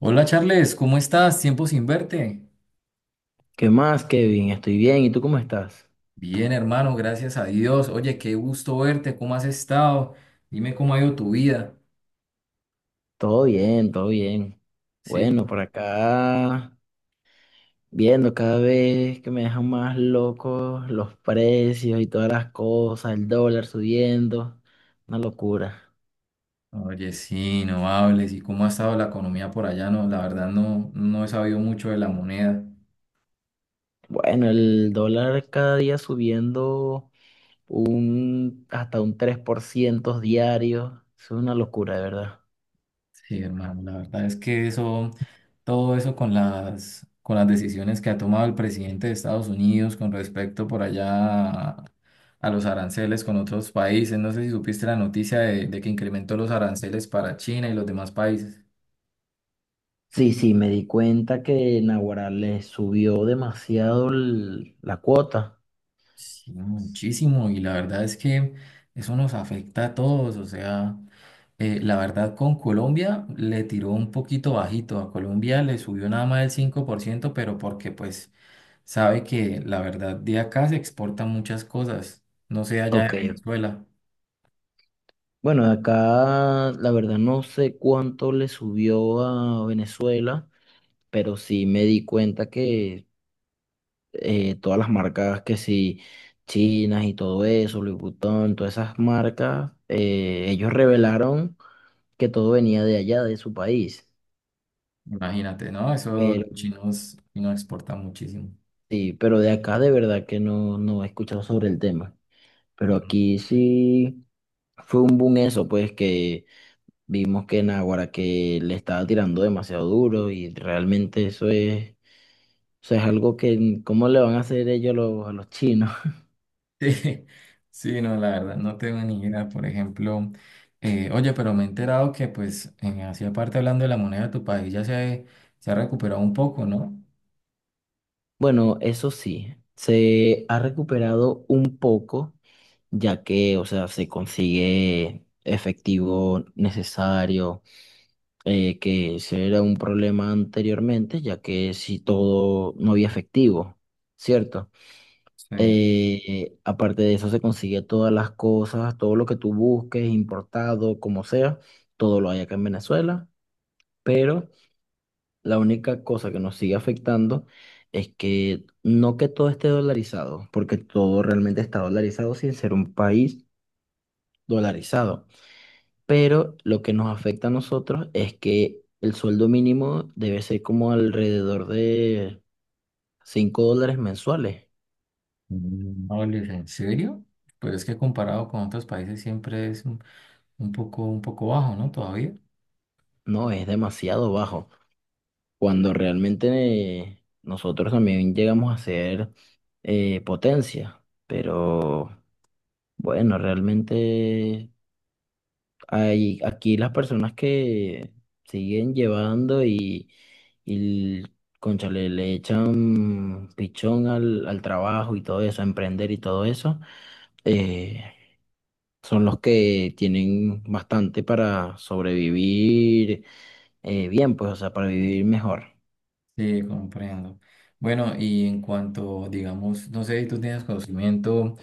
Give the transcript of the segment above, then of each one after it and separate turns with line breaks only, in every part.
Hola Charles, ¿cómo estás? Tiempo sin verte.
¿Qué más, Kevin? Estoy bien. ¿Y tú cómo estás?
Bien, hermano, gracias a Dios. Oye, qué gusto verte, ¿cómo has estado? Dime cómo ha ido tu vida,
Todo bien, todo bien.
¿sí?
Bueno, por acá, viendo cada vez que me dejan más locos los precios y todas las cosas, el dólar subiendo, una locura.
Oye, sí, no hables. ¿Y cómo ha estado la economía por allá? No, la verdad no he sabido mucho de la moneda.
Bueno, el dólar cada día subiendo un, hasta un 3% diario, es una locura, de verdad.
Sí, hermano, la verdad es que eso, todo eso con las decisiones que ha tomado el presidente de Estados Unidos con respecto por allá a los aranceles con otros países. No sé si supiste la noticia de que incrementó los aranceles para China y los demás países.
Sí, sí, me di cuenta que Naguará le subió demasiado la cuota.
Sí, muchísimo. Y la verdad es que eso nos afecta a todos. O sea, la verdad con Colombia le tiró un poquito bajito. A Colombia le subió nada más el 5%, pero porque pues sabe que la verdad de acá se exportan muchas cosas. No sé allá de
Ok,
Venezuela.
bueno, acá la verdad no sé cuánto le subió a Venezuela, pero sí me di cuenta que todas las marcas que sí, chinas y todo eso, Louis Vuitton, todas esas marcas, ellos revelaron que todo venía de allá, de su país.
Imagínate, ¿no? Eso los
Pero
chinos exportan muchísimo.
sí, pero de acá de verdad que no he escuchado sobre el tema. Pero aquí sí fue un boom eso, pues que vimos que Naguará que le estaba tirando demasiado duro y realmente eso es algo que, ¿cómo le van a hacer ellos a a los chinos?
Sí, sí, no, la verdad, no tengo ni idea. Por ejemplo, oye, pero me he enterado que, pues, en Asia, aparte hablando de la moneda de tu país, se ha recuperado un poco, ¿no?
Bueno, eso sí, se ha recuperado un poco, ya que, o sea, se consigue efectivo necesario, que ese era un problema anteriormente, ya que si todo no había efectivo, ¿cierto?
Sí.
Aparte de eso, se consigue todas las cosas, todo lo que tú busques, importado, como sea, todo lo hay acá en Venezuela, pero la única cosa que nos sigue afectando es que no que todo esté dolarizado, porque todo realmente está dolarizado sin ser un país dolarizado, pero lo que nos afecta a nosotros es que el sueldo mínimo debe ser como alrededor de $5 mensuales,
Mm. Ole, ¿en serio? Pues es que comparado con otros países siempre es un, un poco bajo, ¿no? Todavía.
no, es demasiado bajo. Cuando realmente nosotros también llegamos a ser potencia, pero bueno, realmente hay aquí las personas que siguen llevando y cónchale, le echan pichón al trabajo y todo eso, a emprender y todo eso, eh, son los que tienen bastante para sobrevivir, bien, pues, o sea, para vivir mejor.
Sí, comprendo. Bueno, y en cuanto, digamos, no sé si tú tienes conocimiento.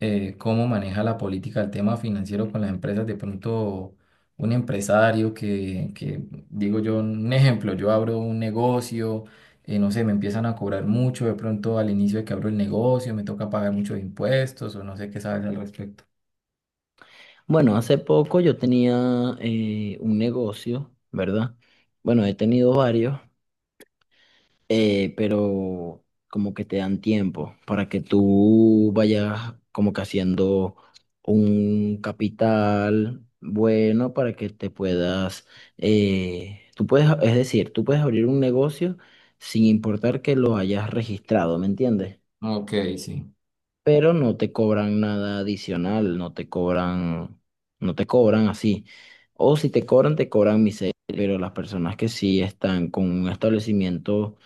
Cómo maneja la política el tema financiero con las empresas. De pronto, un empresario digo yo, un ejemplo, yo abro un negocio, no sé, me empiezan a cobrar mucho, de pronto al inicio de que abro el negocio, me toca pagar muchos impuestos o no sé qué sabes al respecto.
Bueno, hace poco yo tenía un negocio, ¿verdad? Bueno, he tenido varios, pero como que te dan tiempo para que tú vayas como que haciendo un capital bueno para que te puedas, es decir, tú puedes abrir un negocio sin importar que lo hayas registrado, ¿me entiendes?
Ok, sí.
Pero no te cobran nada adicional, no te cobran así. O si te cobran, te cobran miseria, pero las personas que sí están con un establecimiento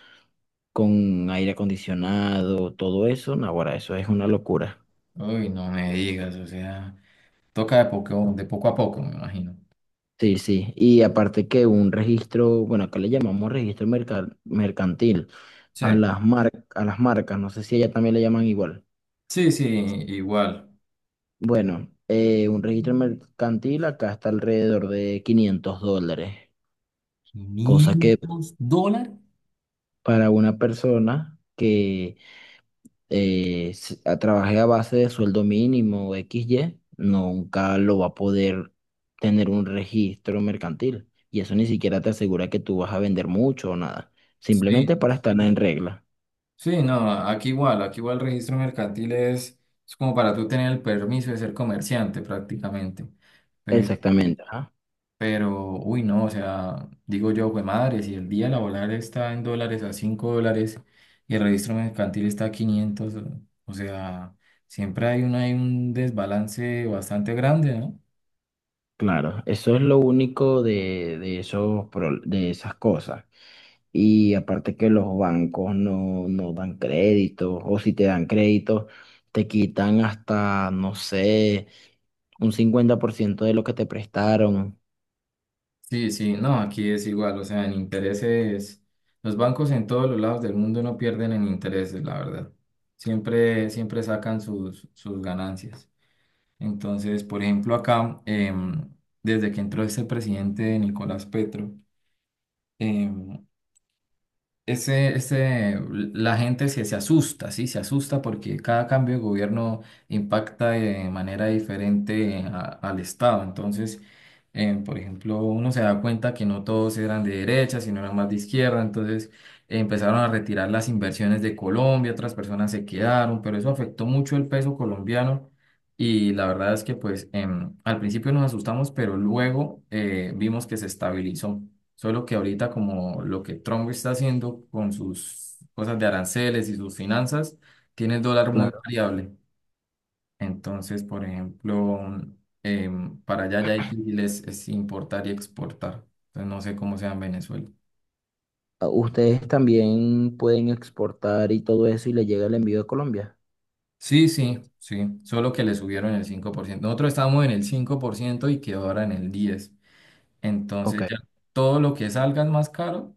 con aire acondicionado, todo eso, no, ahora eso es una locura.
Uy, no me digas, o sea, toca de poco a poco, me imagino.
Sí, sí. Y aparte que un registro, bueno, acá le llamamos mercantil
Sí.
a a las marcas, no sé si ella también le llaman igual.
Sí, sí, igual.
Bueno, un registro mercantil acá está alrededor de $500. Cosa que
¿500 dólares?
para una persona que trabaje a base de sueldo mínimo o X y nunca lo va a poder tener un registro mercantil. Y eso ni siquiera te asegura que tú vas a vender mucho o nada.
Sí,
Simplemente para estar en regla.
sí, no, aquí igual el registro mercantil es como para tú tener el permiso de ser comerciante prácticamente. Pero,
Exactamente, ajá.
pero, uy, no, o sea, digo yo, güey, madre, si el día laboral está en dólares a $5 y el registro mercantil está a 500, o sea, hay un desbalance bastante grande, ¿no?
Claro, eso es lo único esos, de esas cosas. Y aparte que los bancos no, no dan créditos, o si te dan créditos, te quitan hasta, no sé, un 50% de lo que te prestaron.
Sí, sí, no, aquí es igual, o sea, en intereses, los bancos en todos los lados del mundo no pierden en intereses, la verdad. Siempre sacan sus ganancias. Entonces, por ejemplo, acá, desde que entró este presidente Nicolás Petro, em, la gente se asusta, ¿sí? Se asusta porque cada cambio de gobierno impacta de manera diferente al Estado. Entonces, por ejemplo, uno se da cuenta que no todos eran de derecha, sino eran más de izquierda. Entonces, empezaron a retirar las inversiones de Colombia, otras personas se quedaron, pero eso afectó mucho el peso colombiano. Y la verdad es que, pues, al principio nos asustamos, pero luego vimos que se estabilizó. Solo que ahorita como lo que Trump está haciendo con sus cosas de aranceles y sus finanzas, tiene el dólar muy
Claro.
variable. Entonces, por ejemplo, para allá ya difícil es importar y exportar. Entonces, no sé cómo sea en Venezuela.
Ah, ustedes también pueden exportar y todo eso y le llega el envío de Colombia.
Sí, sí, sí. Solo que le subieron el 5%. Nosotros estábamos en el 5% y quedó ahora en el 10%.
Ok,
Entonces ya todo lo que salga es más caro,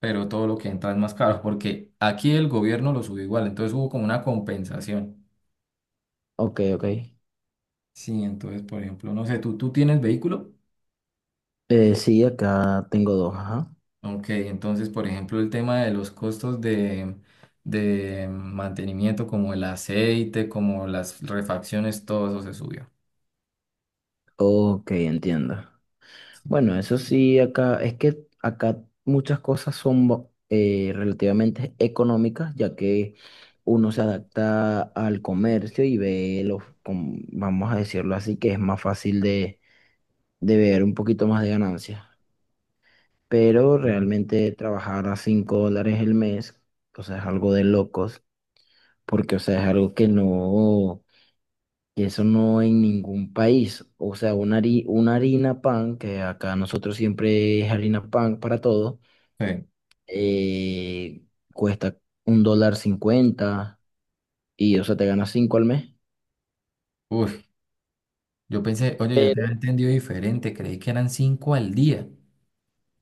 pero todo lo que entra es más caro, porque aquí el gobierno lo subió igual. Entonces hubo como una compensación.
ok.
Sí, entonces, por ejemplo, no sé, tú tienes vehículo.
Sí, acá tengo dos, ajá.
Ok, entonces, por ejemplo, el tema de los costos de mantenimiento, como el aceite, como las refacciones, todo eso se subió.
Ok, entiendo. Bueno, eso sí, acá es que acá muchas cosas son relativamente económicas, ya que uno se adapta al comercio y ve vamos a decirlo así, que es más fácil de ver un poquito más de ganancias. Pero
Sí.
realmente trabajar a $5 el mes, o sea, es algo de locos, porque, o sea, es algo que no, que eso no en ningún país. O sea, una harina pan, que acá nosotros siempre es harina pan para todo
Sí.
eh, cuesta $1.50 y, o sea, te ganas cinco al mes.
Uy, yo pensé, oye, yo te había
Pero
entendido diferente, creí que eran cinco al día.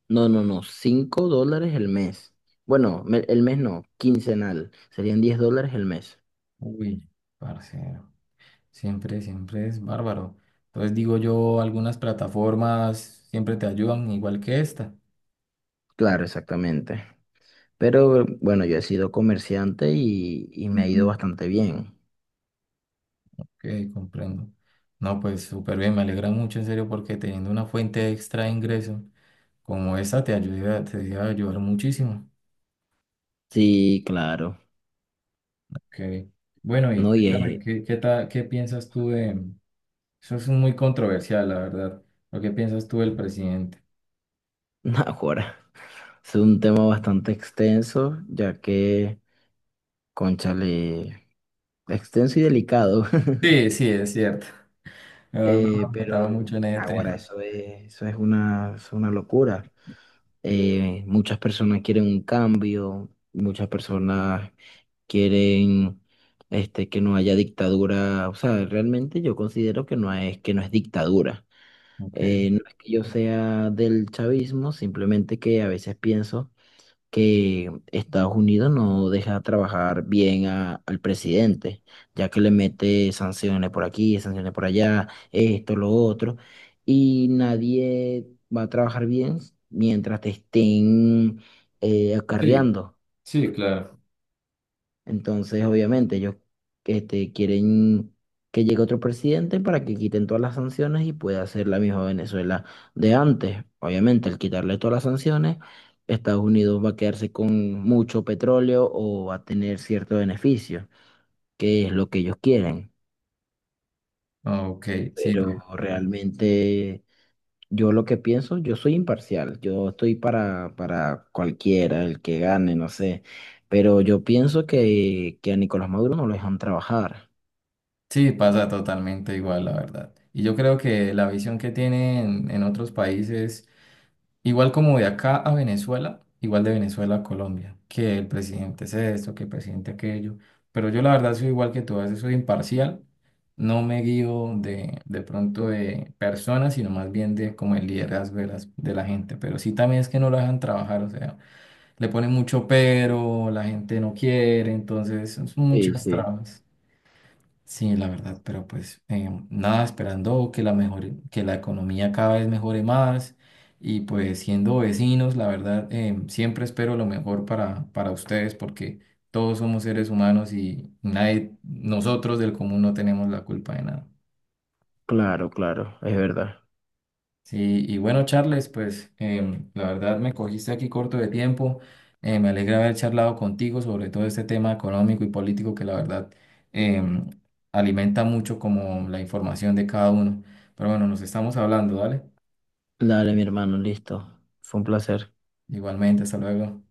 no, no, no, $5 el mes. Bueno, el mes no, quincenal. Serían $10 el mes.
Uy, parcero, siempre es bárbaro. Entonces digo yo, algunas plataformas siempre te ayudan, igual que esta.
Claro, exactamente. Pero bueno, yo he sido comerciante y me ha ido bastante bien.
Ok, comprendo. No, pues súper bien, me alegra mucho en serio porque teniendo una fuente extra de ingreso como esa te ayuda, te debe ayudar muchísimo.
Sí, claro.
Ok. Bueno, y
No, y
cuéntame,
es,
¿ qué piensas tú de... Eso es muy controversial, la verdad. ¿Lo que piensas tú del presidente?
ahora, es un tema bastante extenso, ya que, cónchale, extenso y delicado.
Sí, sí, es cierto. La verdad, no me
Pero
metaba mucho en ese
ahora
tema.
eso es una locura. Muchas personas quieren un cambio, muchas personas quieren este, que no haya dictadura. O sea, realmente yo considero que que no es dictadura.
Ok.
No es que yo sea del chavismo, simplemente que a veces pienso que Estados Unidos no deja trabajar bien al presidente, ya que le mete sanciones por aquí, sanciones por allá, esto, lo otro, y nadie va a trabajar bien mientras te estén
Sí,
acarreando.
sí, claro.
Entonces, obviamente, ellos este, quieren que llegue otro presidente para que quiten todas las sanciones y pueda hacer la misma Venezuela de antes. Obviamente, al quitarle todas las sanciones, Estados Unidos va a quedarse con mucho petróleo o va a tener cierto beneficio, que es lo que ellos quieren.
Ok, sí, no,
Pero realmente yo lo que pienso, yo soy imparcial, yo estoy para cualquiera, el que gane, no sé. Pero yo pienso que a Nicolás Maduro no lo dejan trabajar.
sí, pasa totalmente igual, la verdad. Y yo creo que la visión que tienen en otros países... Igual como de acá a Venezuela, igual de Venezuela a Colombia, que el presidente es esto, que el presidente aquello, pero yo la verdad soy igual que tú, a veces soy imparcial, no me guío de pronto de personas, sino más bien de como el liderazgo de la gente, pero sí también es que no lo dejan trabajar, o sea, le ponen mucho pero, la gente no quiere, entonces son
Sí,
muchas
sí,
trabas. Sí, la verdad, pero pues nada, esperando que la mejore, que la economía cada vez mejore más y pues siendo vecinos, la verdad, siempre espero lo mejor para ustedes porque todos somos seres humanos y nadie, nosotros del común no tenemos la culpa de nada.
claro, claro, es verdad.
Sí, y bueno, Charles, pues la verdad me cogiste aquí corto de tiempo. Me alegra haber charlado contigo sobre todo este tema económico y político que la verdad em, alimenta mucho como la información de cada uno. Pero bueno, nos estamos hablando, ¿vale?
Dale, mi hermano, listo. Fue un placer.
Igualmente, hasta luego.